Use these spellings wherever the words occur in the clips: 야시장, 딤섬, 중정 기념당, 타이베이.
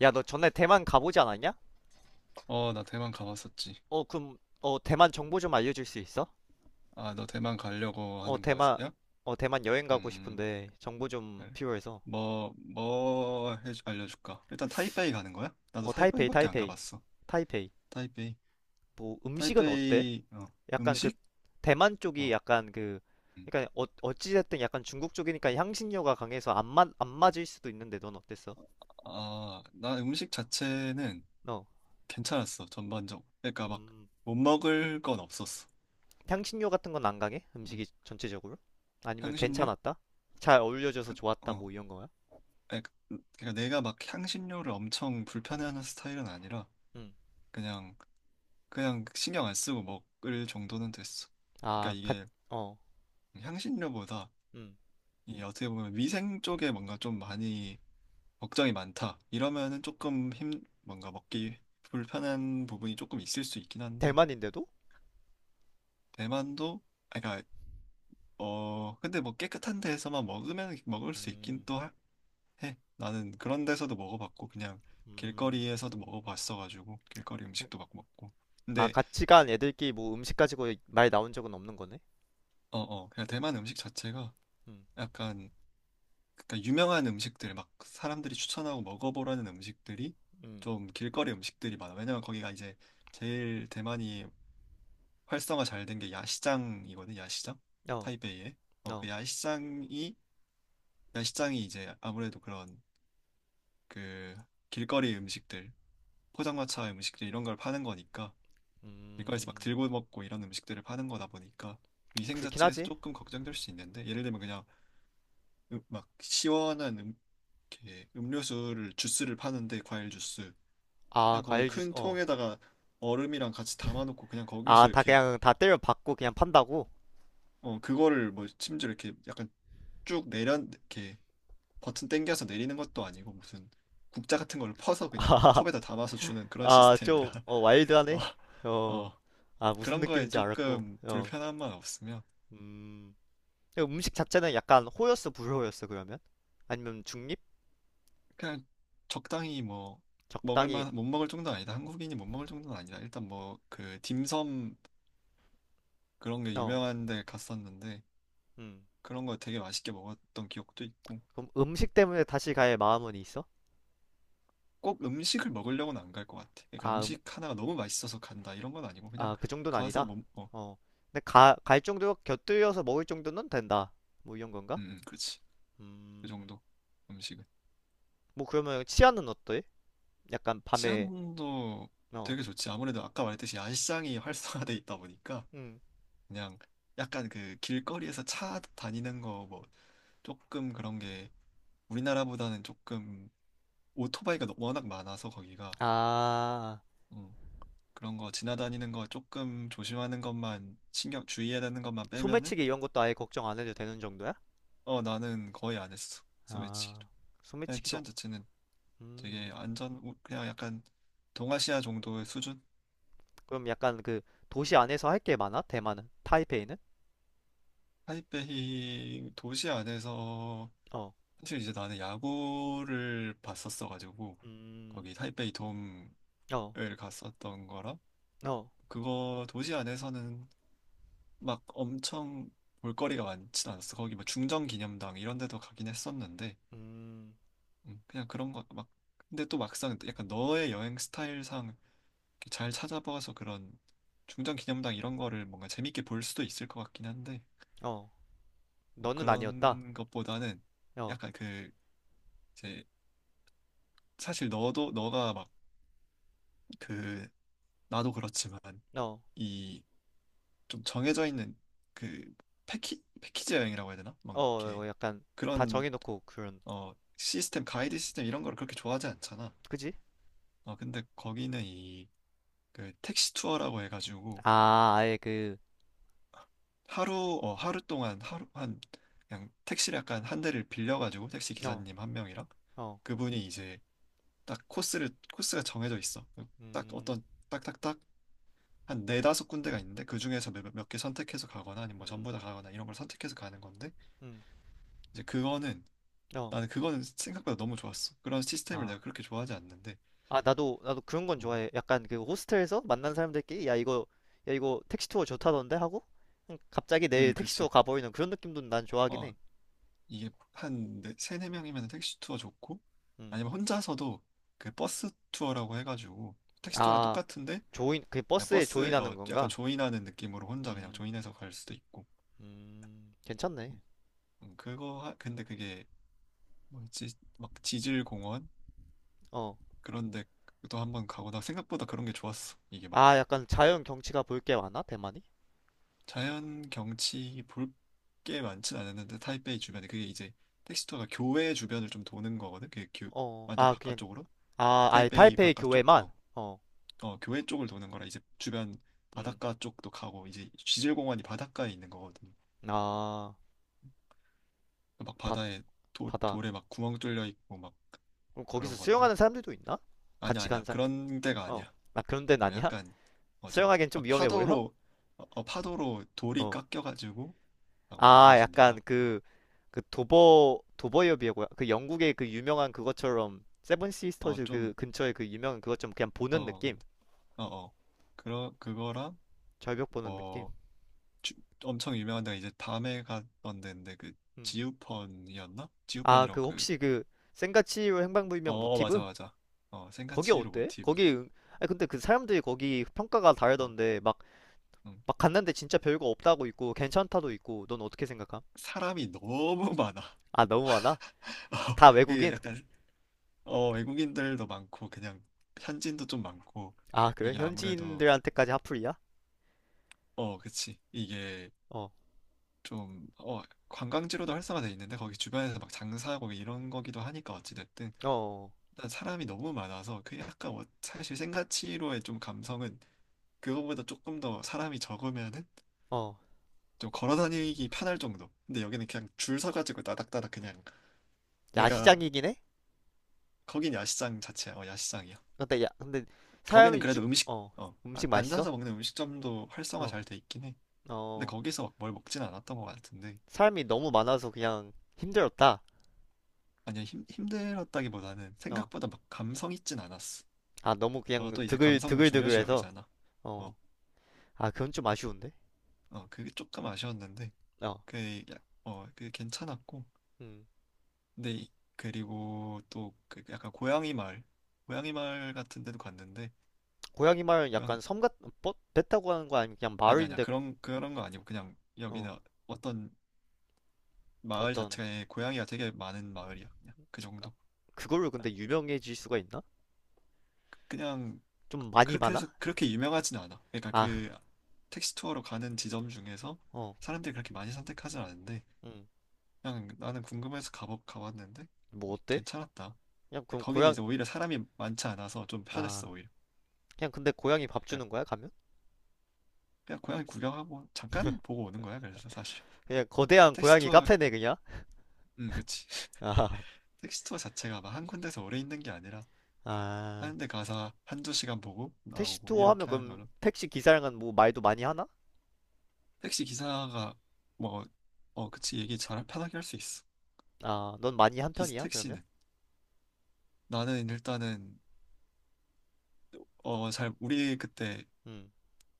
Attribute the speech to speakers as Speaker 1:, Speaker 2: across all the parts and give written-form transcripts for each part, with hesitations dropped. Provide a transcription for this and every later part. Speaker 1: 야, 너 전에 대만 가보지 않았냐?
Speaker 2: 어, 나 대만 가봤었지.
Speaker 1: 어, 그럼, 어, 대만 정보 좀 알려줄 수 있어?
Speaker 2: 아, 너 대만 가려고
Speaker 1: 어,
Speaker 2: 하는 거야?
Speaker 1: 대만, 어, 대만 여행 가고
Speaker 2: 음,
Speaker 1: 싶은데 정보
Speaker 2: 그래.
Speaker 1: 좀 필요해서.
Speaker 2: 뭐 해, 알려줄까? 일단 타이베이 가는 거야? 나도
Speaker 1: 어, 타이페이,
Speaker 2: 타이베이밖에 안
Speaker 1: 타이페이,
Speaker 2: 가봤어.
Speaker 1: 타이페이.
Speaker 2: 타이베이.
Speaker 1: 뭐, 음식은 어때?
Speaker 2: 타이베이, 어,
Speaker 1: 약간 그,
Speaker 2: 음식?
Speaker 1: 대만 쪽이
Speaker 2: 어.
Speaker 1: 약간 그,
Speaker 2: 음.
Speaker 1: 그러니까 어, 어찌됐든 약간 중국 쪽이니까 향신료가 강해서 안 맞을 수도 있는데 넌 어땠어?
Speaker 2: 아, 나 음식 자체는
Speaker 1: 어,
Speaker 2: 괜찮았어, 전반적으로. 그러니까 막,
Speaker 1: 음,
Speaker 2: 못 먹을 건 없었어.
Speaker 1: 향신료 같은 건 안 강해?
Speaker 2: 음.
Speaker 1: 음식이 전체적으로? 아니면
Speaker 2: 향신료?
Speaker 1: 괜찮았다? 잘 어울려져서 좋았다,
Speaker 2: 어.
Speaker 1: 뭐 이런 거야?
Speaker 2: 그러니까 그러니까 내가 막 향신료를 엄청 불편해하는 스타일은 아니라,
Speaker 1: 음,
Speaker 2: 그냥 그냥 신경 안 쓰고 먹을 정도는 됐어.
Speaker 1: 아,
Speaker 2: 그러니까
Speaker 1: 가,
Speaker 2: 이게
Speaker 1: 어,
Speaker 2: 향신료보다
Speaker 1: 음.
Speaker 2: 이게 어떻게 보면 위생 쪽에 뭔가 좀 많이 걱정이 많다 이러면은 조금 힘 뭔가 먹기 불편한 부분이 조금 있을 수 있긴 한데,
Speaker 1: 대만인데도?
Speaker 2: 대만도, 아 그러니까 어 근데 뭐 깨끗한 데에서만 먹으면 먹을 수 있긴
Speaker 1: 음,
Speaker 2: 해. 나는 그런 데서도 먹어봤고 그냥
Speaker 1: 음,
Speaker 2: 길거리에서도 먹어봤어가지고 길거리 음식도 막 먹고.
Speaker 1: 아,
Speaker 2: 근데
Speaker 1: 같이 간 애들끼리 뭐 음식 가지고 말 나온 적은 없는 거네?
Speaker 2: 어어 그냥 대만 음식 자체가
Speaker 1: 음,
Speaker 2: 약간, 그러니까 유명한 음식들 막 사람들이 추천하고 먹어보라는 음식들이
Speaker 1: 음.
Speaker 2: 좀 길거리 음식들이 많아. 왜냐면 거기가 이제 제일 대만이 활성화 잘 된 게 야시장이거든. 야시장
Speaker 1: 어,
Speaker 2: 타이베이에. 어,
Speaker 1: 어.
Speaker 2: 그 야시장이 야시장이 이제 아무래도 그런 그 길거리 음식들 포장마차 음식들 이런 걸 파는 거니까 길거리에서 막
Speaker 1: 음.
Speaker 2: 들고 먹고 이런 음식들을 파는 거다 보니까 위생
Speaker 1: 그렇긴
Speaker 2: 자체에서
Speaker 1: 하지.
Speaker 2: 조금 걱정될 수 있는데, 예를 들면 그냥 막 시원한 이렇게 음료수를 주스를 파는데 과일 주스
Speaker 1: 아,
Speaker 2: 그냥 거기
Speaker 1: 과일 주스,
Speaker 2: 큰
Speaker 1: 어.
Speaker 2: 통에다가 얼음이랑 같이 담아놓고 그냥
Speaker 1: 아,
Speaker 2: 거기서
Speaker 1: 다
Speaker 2: 이렇게
Speaker 1: 그냥 다 때려 박고 그냥 판다고?
Speaker 2: 어 그거를 뭐 심지어 이렇게 약간 쭉 내려 이렇게 버튼 당겨서 내리는 것도 아니고 무슨 국자 같은 걸 퍼서 그냥
Speaker 1: 아,
Speaker 2: 컵에다 담아서 주는 그런
Speaker 1: 아,
Speaker 2: 시스템이라.
Speaker 1: 좀, 어,
Speaker 2: 어,
Speaker 1: 와일드하네? 어,
Speaker 2: 어
Speaker 1: 아, 무슨
Speaker 2: 그런 거에
Speaker 1: 느낌인지 알았고,
Speaker 2: 조금
Speaker 1: 어.
Speaker 2: 불편함만 없으면
Speaker 1: 음, 근데 음식 자체는 약간 호였어, 불호였어, 그러면? 아니면 중립?
Speaker 2: 그냥 적당히, 뭐 먹을
Speaker 1: 적당히,
Speaker 2: 만 못 먹을 정도는 아니다, 한국인이 못 먹을 정도는 아니다. 일단 뭐 그 딤섬 그런 게
Speaker 1: 어.
Speaker 2: 유명한 데 갔었는데
Speaker 1: 음.
Speaker 2: 그런 거 되게 맛있게 먹었던 기억도 있고.
Speaker 1: 그럼 음식 때문에 다시 갈 마음은 있어?
Speaker 2: 꼭 음식을 먹으려고는 안 갈 것 같아. 그러니까
Speaker 1: 아,
Speaker 2: 음식 하나가 너무 맛있어서 간다 이런 건 아니고 그냥
Speaker 1: 아, 그 정도는
Speaker 2: 가서
Speaker 1: 아니다.
Speaker 2: 뭐, 어,
Speaker 1: 어. 근데 갈 정도, 곁들여서 먹을 정도는 된다. 뭐 이런 건가?
Speaker 2: 그렇지. 그
Speaker 1: 음.
Speaker 2: 정도 음식은.
Speaker 1: 뭐 그러면 치아는 어때? 약간 밤에,
Speaker 2: 치안도
Speaker 1: 어.
Speaker 2: 되게 좋지. 아무래도 아까 말했듯이 야시장이 활성화돼 있다 보니까
Speaker 1: 음.
Speaker 2: 그냥 약간 그 길거리에서 차 다니는 거 뭐 조금 그런 게 우리나라보다는 조금 워낙 많아서 거기가,
Speaker 1: 아,
Speaker 2: 음, 그런 거 지나다니는 거 조금 조심하는 것만, 신경 주의해야 되는 것만 빼면은.
Speaker 1: 소매치기 이런 것도 아예 걱정 안 해도 되는 정도야?
Speaker 2: 어 나는 거의 안 했어, 소매치기.
Speaker 1: 아,
Speaker 2: 네,
Speaker 1: 소매치기도,
Speaker 2: 치안 자체는
Speaker 1: 음.
Speaker 2: 되게 안전, 그냥 약간 동아시아 정도의 수준?
Speaker 1: 그럼 약간 그 도시 안에서 할게 많아? 대만은? 타이페이는?
Speaker 2: 타이베이 도시 안에서,
Speaker 1: 어.
Speaker 2: 사실 이제 나는 야구를 봤었어가지고
Speaker 1: 음.
Speaker 2: 거기 타이베이 돔을
Speaker 1: 어.
Speaker 2: 갔었던 거라
Speaker 1: 어.
Speaker 2: 그거 도시 안에서는 막 엄청 볼거리가 많진 않았어. 거기 뭐 중정 기념당 이런 데도 가긴 했었는데,
Speaker 1: 음.
Speaker 2: 그냥 그런 거 막, 근데 또 막상 약간 너의 여행 스타일상 잘 찾아봐서 그런 중장 기념당 이런 거를 뭔가 재밌게 볼 수도 있을 것 같긴 한데.
Speaker 1: 어.
Speaker 2: 뭐
Speaker 1: 너는 아니었다?
Speaker 2: 그런 것보다는
Speaker 1: 어.
Speaker 2: 약간 그 이제, 사실 너도 너가 막 그 나도 그렇지만
Speaker 1: 어.
Speaker 2: 이 좀 정해져 있는 그 패키지 여행이라고 해야 되나? 막
Speaker 1: 어,
Speaker 2: 이렇게
Speaker 1: 어, 약간 다
Speaker 2: 그런
Speaker 1: 정해놓고 그런,
Speaker 2: 어 시스템 가이드 시스템 이런 거를 그렇게 좋아하지 않잖아.
Speaker 1: 그지?
Speaker 2: 어 근데 거기는 이 그 택시 투어라고 해가지고
Speaker 1: 아, 아예 그,
Speaker 2: 하루, 어 하루 동안, 하루 한, 그냥 택시를 약간 한 대를 빌려가지고 택시
Speaker 1: 어,
Speaker 2: 기사님 한 명이랑
Speaker 1: 어,
Speaker 2: 그분이 이제 딱 코스를, 코스가 정해져 있어. 그 딱
Speaker 1: 음,
Speaker 2: 어떤 딱딱딱 한 네다섯 군데가 있는데 그 중에서 몇 개 선택해서 가거나 아니면 뭐 전부
Speaker 1: 음,
Speaker 2: 다 가거나 이런 걸 선택해서 가는 건데
Speaker 1: 음,
Speaker 2: 이제 그거는
Speaker 1: 어,
Speaker 2: 나는 그거는 생각보다 너무 좋았어. 그런 시스템을
Speaker 1: 아,
Speaker 2: 내가 그렇게 좋아하지 않는데.
Speaker 1: 아, 나도, 나도 그런 건
Speaker 2: 음,
Speaker 1: 좋아해. 약간 그 호스텔에서 만난 사람들끼리, 야, 이거, 야, 이거 택시 투어 좋다던데? 하고, 그냥 갑자기 내일 택시 투어
Speaker 2: 그렇지.
Speaker 1: 가버리는 그런 느낌도 난 좋아하긴
Speaker 2: 어,
Speaker 1: 해.
Speaker 2: 이게 한 네, 세네 명이면 택시 투어 좋고
Speaker 1: 음,
Speaker 2: 아니면 혼자서도 그 버스 투어라고 해가지고 택시 투어랑
Speaker 1: 아,
Speaker 2: 똑같은데
Speaker 1: 조인, 그
Speaker 2: 그냥
Speaker 1: 버스에
Speaker 2: 버스에
Speaker 1: 조인하는
Speaker 2: 어 약간
Speaker 1: 건가?
Speaker 2: 조인하는 느낌으로 혼자 그냥
Speaker 1: 음,
Speaker 2: 조인해서 갈 수도 있고.
Speaker 1: 괜찮네.
Speaker 2: 음, 그거 하, 근데 그게 뭐였지. 막 지질 공원
Speaker 1: 어,
Speaker 2: 그런데 또 한번 가고, 나 생각보다 그런 게 좋았어. 이게 막
Speaker 1: 아, 약간 자연 경치가 볼 게 많아, 대만이?
Speaker 2: 자연 경치 볼 게 많진 않았는데 타이베이 주변에 그게 이제 택시 투어가 교외 주변을 좀 도는 거거든. 그게 교,
Speaker 1: 어,
Speaker 2: 완전
Speaker 1: 아, 그냥
Speaker 2: 바깥쪽으로
Speaker 1: 아, 아예
Speaker 2: 타이베이
Speaker 1: 타이페이
Speaker 2: 바깥쪽
Speaker 1: 교회만?
Speaker 2: 어.
Speaker 1: 어,
Speaker 2: 어, 교회 쪽을 도는 거라 이제 주변
Speaker 1: 음,
Speaker 2: 바닷가 쪽도 가고 이제 지질공원이 바닷가에 있는 거거든.
Speaker 1: 아,
Speaker 2: 막
Speaker 1: 바다,
Speaker 2: 바다에 돌,
Speaker 1: 바다.
Speaker 2: 돌에 막 구멍 뚫려 있고 막
Speaker 1: 그럼 거기서
Speaker 2: 그런 건데.
Speaker 1: 수영하는 사람들도 있나?
Speaker 2: 아니야,
Speaker 1: 같이
Speaker 2: 아니야,
Speaker 1: 간 사람,
Speaker 2: 그런 데가
Speaker 1: 어,
Speaker 2: 아니야.
Speaker 1: 아, 그런 데는
Speaker 2: 어,
Speaker 1: 아니야?
Speaker 2: 약간 어, 좀
Speaker 1: 수영하기엔 좀
Speaker 2: 막
Speaker 1: 위험해 보여?
Speaker 2: 파도로 어, 어, 파도로 돌이
Speaker 1: 어,
Speaker 2: 깎여가지고 막
Speaker 1: 아,
Speaker 2: 만들어진
Speaker 1: 약간
Speaker 2: 데라. 어,
Speaker 1: 그, 그 도버협이고요. 그 영국의 그 유명한 그것처럼, 세븐
Speaker 2: 어,
Speaker 1: 시스터즈 그
Speaker 2: 좀
Speaker 1: 근처에 그 유명한 그것처럼 그냥 보는
Speaker 2: 어,
Speaker 1: 느낌?
Speaker 2: 근데 어, 어. 그러 그거랑
Speaker 1: 절벽 보는 느낌?
Speaker 2: 뭐 주- 엄청 유명한 데가 이제 밤에 갔던 데인데 그
Speaker 1: 음.
Speaker 2: 지우펀이었나?
Speaker 1: 아, 그
Speaker 2: 지우펀이라고 그,
Speaker 1: 혹시 그, 센가치로 행방불명
Speaker 2: 어, 맞아,
Speaker 1: 모티브?
Speaker 2: 맞아. 어, 생가
Speaker 1: 거기
Speaker 2: 치히로
Speaker 1: 어때?
Speaker 2: 모티브.
Speaker 1: 거기, 응- 아니, 근데 그 사람들이 거기 평가가
Speaker 2: 어,
Speaker 1: 다르던데, 막,
Speaker 2: 음.
Speaker 1: 막 갔는데 진짜 별거 없다고 있고 괜찮다도 있고 넌 어떻게 생각함?
Speaker 2: 사람이 너무 많아.
Speaker 1: 아 너무 많아?
Speaker 2: 어,
Speaker 1: 다
Speaker 2: 이게
Speaker 1: 외국인?
Speaker 2: 약간, 어, 외국인들도 많고, 그냥 현지인도 좀 많고,
Speaker 1: 아 그래?
Speaker 2: 이게 아무래도,
Speaker 1: 현지인들한테까지 핫플이야?
Speaker 2: 어, 그치. 이게
Speaker 1: 어,
Speaker 2: 좀, 어, 관광지로도 활성화돼 있는데, 거기 주변에서 막 장사하고 이런 거기도 하니까, 어찌됐든.
Speaker 1: 어,
Speaker 2: 일단 사람이 너무 많아서, 그 약간, 어, 사실 생가치히로의 좀 감성은, 그거보다 조금 더 사람이 적으면은
Speaker 1: 어. 어.
Speaker 2: 좀 걸어 다니기 편할 정도. 근데 여기는 그냥 줄 서가지고 따닥따닥 그냥, 내가.
Speaker 1: 야시장이긴 해?
Speaker 2: 거긴 야시장 자체야. 어, 야시장이야.
Speaker 1: 근데 야, 근데
Speaker 2: 거기는
Speaker 1: 사람이 죽,
Speaker 2: 그래도 음식
Speaker 1: 어,
Speaker 2: 어,
Speaker 1: 음식 맛있어?
Speaker 2: 앉아서 먹는 음식점도 활성화
Speaker 1: 어,
Speaker 2: 잘 돼 있긴 해. 근데
Speaker 1: 어.
Speaker 2: 거기서 막 뭘 먹진 않았던 것 같은데.
Speaker 1: 사람이 너무 많아서 그냥 힘들었다.
Speaker 2: 아니 힘 힘들었다기보다는
Speaker 1: 어,
Speaker 2: 생각보다 막 감성 있진 않았어.
Speaker 1: 아 너무
Speaker 2: 어,
Speaker 1: 그냥
Speaker 2: 또 이제
Speaker 1: 드글
Speaker 2: 감성 중요시
Speaker 1: 드글드글해서
Speaker 2: 여기잖아. 어,
Speaker 1: 어, 아 그건 좀 아쉬운데?
Speaker 2: 어, 그게 조금 아쉬웠는데
Speaker 1: 어,
Speaker 2: 그, 야- 어, 그 괜찮았고.
Speaker 1: 음.
Speaker 2: 근데 이- 그리고 또 그 약간 고양이 마을, 같은 데도 갔는데.
Speaker 1: 고양이 마을은 약간
Speaker 2: 고양이
Speaker 1: 섬 같, 뭐? 배 타고 가는 거 아니면 그냥
Speaker 2: 아니 아니야,
Speaker 1: 마을인데 고-
Speaker 2: 그런 그런 거 아니고 그냥
Speaker 1: 어,
Speaker 2: 여기는 어떤 마을
Speaker 1: 어떤
Speaker 2: 자체에 고양이가 되게 많은 마을이야. 그냥 그 정도.
Speaker 1: 그걸로 근데 유명해질 수가 있나?
Speaker 2: 그냥
Speaker 1: 좀 많이
Speaker 2: 그렇게
Speaker 1: 많아?
Speaker 2: 해서 그렇게 유명하진 않아. 그러니까
Speaker 1: 아,
Speaker 2: 그 택시 투어로 가는 지점 중에서
Speaker 1: 어,
Speaker 2: 사람들이 그렇게 많이 선택하진 않은데
Speaker 1: 음,
Speaker 2: 그냥 나는 궁금해서 가보 가봤는데.
Speaker 1: 뭐
Speaker 2: 뭐
Speaker 1: 어때?
Speaker 2: 괜찮았다.
Speaker 1: 그냥 그럼
Speaker 2: 거기는
Speaker 1: 고양,
Speaker 2: 이제 오히려 사람이 많지 않아서 좀
Speaker 1: 아,
Speaker 2: 편했어, 오히려.
Speaker 1: 그냥 근데 고양이 밥
Speaker 2: 그러니까
Speaker 1: 주는 거야, 가면?
Speaker 2: 그냥 고양이 구경하고 잠깐 보고 오는 거야. 그래서 사실
Speaker 1: 그냥 거대한
Speaker 2: 택시
Speaker 1: 고양이
Speaker 2: 투어,
Speaker 1: 카페네, 그냥?
Speaker 2: 그치.
Speaker 1: 아,
Speaker 2: 택시 투어 자체가 막 한 군데서 오래 있는 게 아니라
Speaker 1: 아,
Speaker 2: 하는 데 가서 한 두 시간 보고
Speaker 1: 택시
Speaker 2: 나오고
Speaker 1: 투어 하면
Speaker 2: 이렇게 하는
Speaker 1: 그럼
Speaker 2: 거라.
Speaker 1: 택시 기사랑은 뭐 말도 많이 하나?
Speaker 2: 택시 기사가 뭐, 어, 그치, 얘기 잘 편하게 할 수 있어.
Speaker 1: 아, 넌 많이 한
Speaker 2: 기스
Speaker 1: 편이야, 그러면?
Speaker 2: 택시는. 나는 일단은, 어, 잘, 우리 그때
Speaker 1: 음,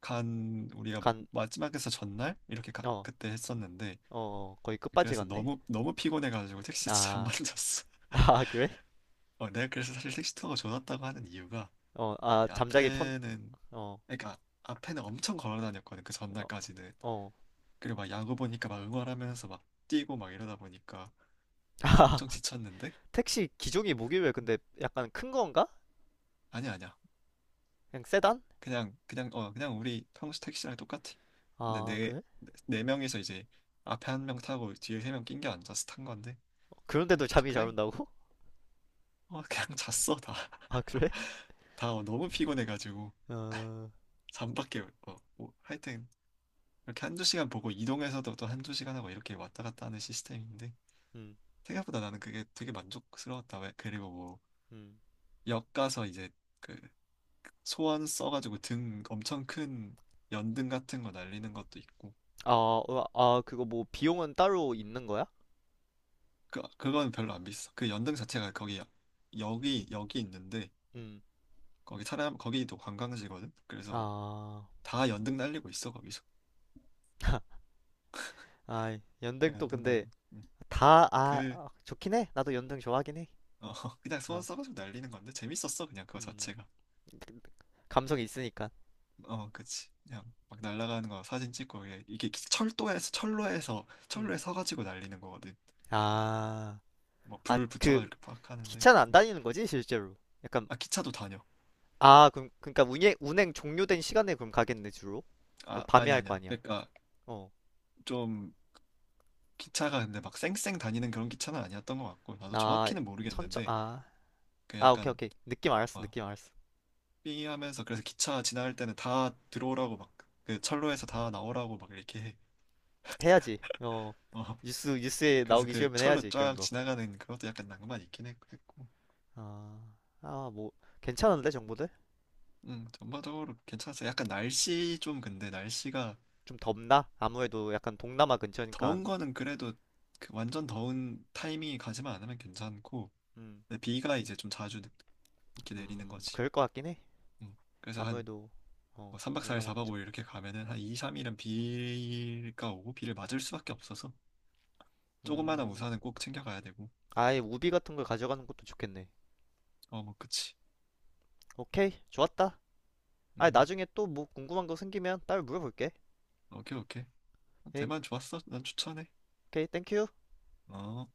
Speaker 2: 간, 우리가 마-
Speaker 1: 간,
Speaker 2: 마지막에서 전날? 이렇게 가-
Speaker 1: 어,
Speaker 2: 그때 했었는데,
Speaker 1: 어, 어, 거의 끝까지
Speaker 2: 그래서
Speaker 1: 갔네?
Speaker 2: 너무, 너무 피곤해가지고 택시 잘안
Speaker 1: 아,
Speaker 2: 만졌어.
Speaker 1: 아, 그래?
Speaker 2: 어, 내가 그래서 사실 택시 투어가 좋았다고 하는 이유가,
Speaker 1: 어, 아,
Speaker 2: 이
Speaker 1: 잠자기 편,
Speaker 2: 앞에는,
Speaker 1: 어,
Speaker 2: 그러니까, 앞에는 엄청 걸어 다녔거든, 그
Speaker 1: 어,
Speaker 2: 전날까지는.
Speaker 1: 어.
Speaker 2: 그리고 막 야구 보니까 막 응원하면서 막 뛰고 막 이러다 보니까
Speaker 1: 아,
Speaker 2: 엄청 지쳤는데,
Speaker 1: 택시 기종이 뭐길래 근데 약간 큰 건가?
Speaker 2: 아니야, 아니야,
Speaker 1: 그냥 세단?
Speaker 2: 그냥 우리 평소 택시랑 똑같아. 근데
Speaker 1: 아, 그래?
Speaker 2: 네 명이서 이제 앞에 한 명 타고 뒤에 세 명 낑겨 앉아서 탄 건데 그냥
Speaker 1: 그런데도 잠이 잘
Speaker 2: 적당히
Speaker 1: 온다고?
Speaker 2: 어 그냥 잤어, 다.
Speaker 1: 아, 그래?
Speaker 2: 다 어, 너무 피곤해가지고
Speaker 1: 어,
Speaker 2: 잠밖에. 어 뭐, 하여튼 이렇게 한 두 시간 보고 이동해서도 또 한 두 시간 하고 이렇게 왔다 갔다 하는 시스템인데
Speaker 1: 음,
Speaker 2: 생각보다 나는 그게 되게 만족스러웠다. 왜 그리고 뭐
Speaker 1: 음.
Speaker 2: 역 가서 이제 그 소원 써가지고 등 엄청 큰 연등 같은 거 날리는 것도 있고.
Speaker 1: 아, 어, 아, 그거 뭐 비용은 따로 있는 거야?
Speaker 2: 그, 그건 별로 안 비싸. 그 연등 자체가 여기, 여기 있는데,
Speaker 1: 음.
Speaker 2: 거기도 관광지거든? 그래서
Speaker 1: 아,
Speaker 2: 다 연등 날리고 있어, 거기서.
Speaker 1: 아,
Speaker 2: 네,
Speaker 1: 연등 또
Speaker 2: 연등
Speaker 1: 근데
Speaker 2: 날리고. 응.
Speaker 1: 다, 아,
Speaker 2: 그,
Speaker 1: 아, 좋긴 해. 나도 연등 좋아하긴 해.
Speaker 2: 어, 그냥 소원
Speaker 1: 어,
Speaker 2: 써가지고 날리는 건데, 재밌었어, 그냥 그거
Speaker 1: 음.
Speaker 2: 자체가.
Speaker 1: 감성이 있으니까.
Speaker 2: 어, 그치. 그냥 막 날아가는 거 사진 찍고, 이게, 이게 철도에서, 철로에서,
Speaker 1: 음.
Speaker 2: 철로에 서가지고 날리는 거거든.
Speaker 1: 아,
Speaker 2: 뭐,
Speaker 1: 아,
Speaker 2: 불
Speaker 1: 그
Speaker 2: 붙여가지고 이렇게 팍 하는데.
Speaker 1: 기차는 안 다니는 거지, 실제로? 약간,
Speaker 2: 아, 기차도 다녀.
Speaker 1: 아, 그럼, 그러니까 운행 종료된 시간에 그럼 가겠네, 주로? 어,
Speaker 2: 아,
Speaker 1: 밤에
Speaker 2: 아니,
Speaker 1: 할 거
Speaker 2: 아니야.
Speaker 1: 아니야.
Speaker 2: 그러니까,
Speaker 1: 어.
Speaker 2: 좀, 기차가 근데 막 쌩쌩 다니는 그런 기차는 아니었던 것 같고 나도
Speaker 1: 아,
Speaker 2: 정확히는 모르겠는데
Speaker 1: 아.
Speaker 2: 그
Speaker 1: 아, 오케이,
Speaker 2: 약간
Speaker 1: 오케이. 느낌 알았어, 느낌 알았어.
Speaker 2: 삐 하면서, 그래서 기차 지나갈 때는 다 들어오라고 막 그 철로에서 다 나오라고 막 이렇게 해.
Speaker 1: 해야지. 어,
Speaker 2: 어
Speaker 1: 뉴스, 뉴스에
Speaker 2: 그래서
Speaker 1: 나오기
Speaker 2: 그
Speaker 1: 싫으면
Speaker 2: 철로
Speaker 1: 해야지, 그런
Speaker 2: 쫙
Speaker 1: 거.
Speaker 2: 지나가는 그것도 약간 낭만 있긴 했고.
Speaker 1: 아, 아, 뭐, 괜찮은데, 정보들?
Speaker 2: 음, 전반적으로 괜찮았어요. 약간 날씨 좀, 근데 날씨가
Speaker 1: 좀 덥나? 아무래도 약간 동남아 근처니까,
Speaker 2: 더운 거는 그래도 그 완전 더운 타이밍이 가지만 않으면 괜찮고,
Speaker 1: 음,
Speaker 2: 근데 비가 이제 좀 자주 이렇게 내리는 거지.
Speaker 1: 그럴 것 같긴 해.
Speaker 2: 음, 그래서
Speaker 1: 아무래도, 어,
Speaker 2: 한뭐 3박 4일
Speaker 1: 동남아
Speaker 2: 4박
Speaker 1: 근처.
Speaker 2: 5일 이렇게 가면은 한 2, 3일은 비가 오고 비를 맞을 수밖에 없어서 조그마한
Speaker 1: 음,
Speaker 2: 우산은 꼭 챙겨가야 되고.
Speaker 1: 아예 우비 같은 걸 가져가는 것도 좋겠네.
Speaker 2: 어, 뭐, 그치.
Speaker 1: 오케이, 좋았다. 아,
Speaker 2: 음,
Speaker 1: 나중에 또 뭐 궁금한 거 생기면 따로 물어볼게.
Speaker 2: 오케이, 오케이.
Speaker 1: 예,
Speaker 2: 대만 좋았어. 난 추천해.
Speaker 1: 오케이, 땡큐.
Speaker 2: 어.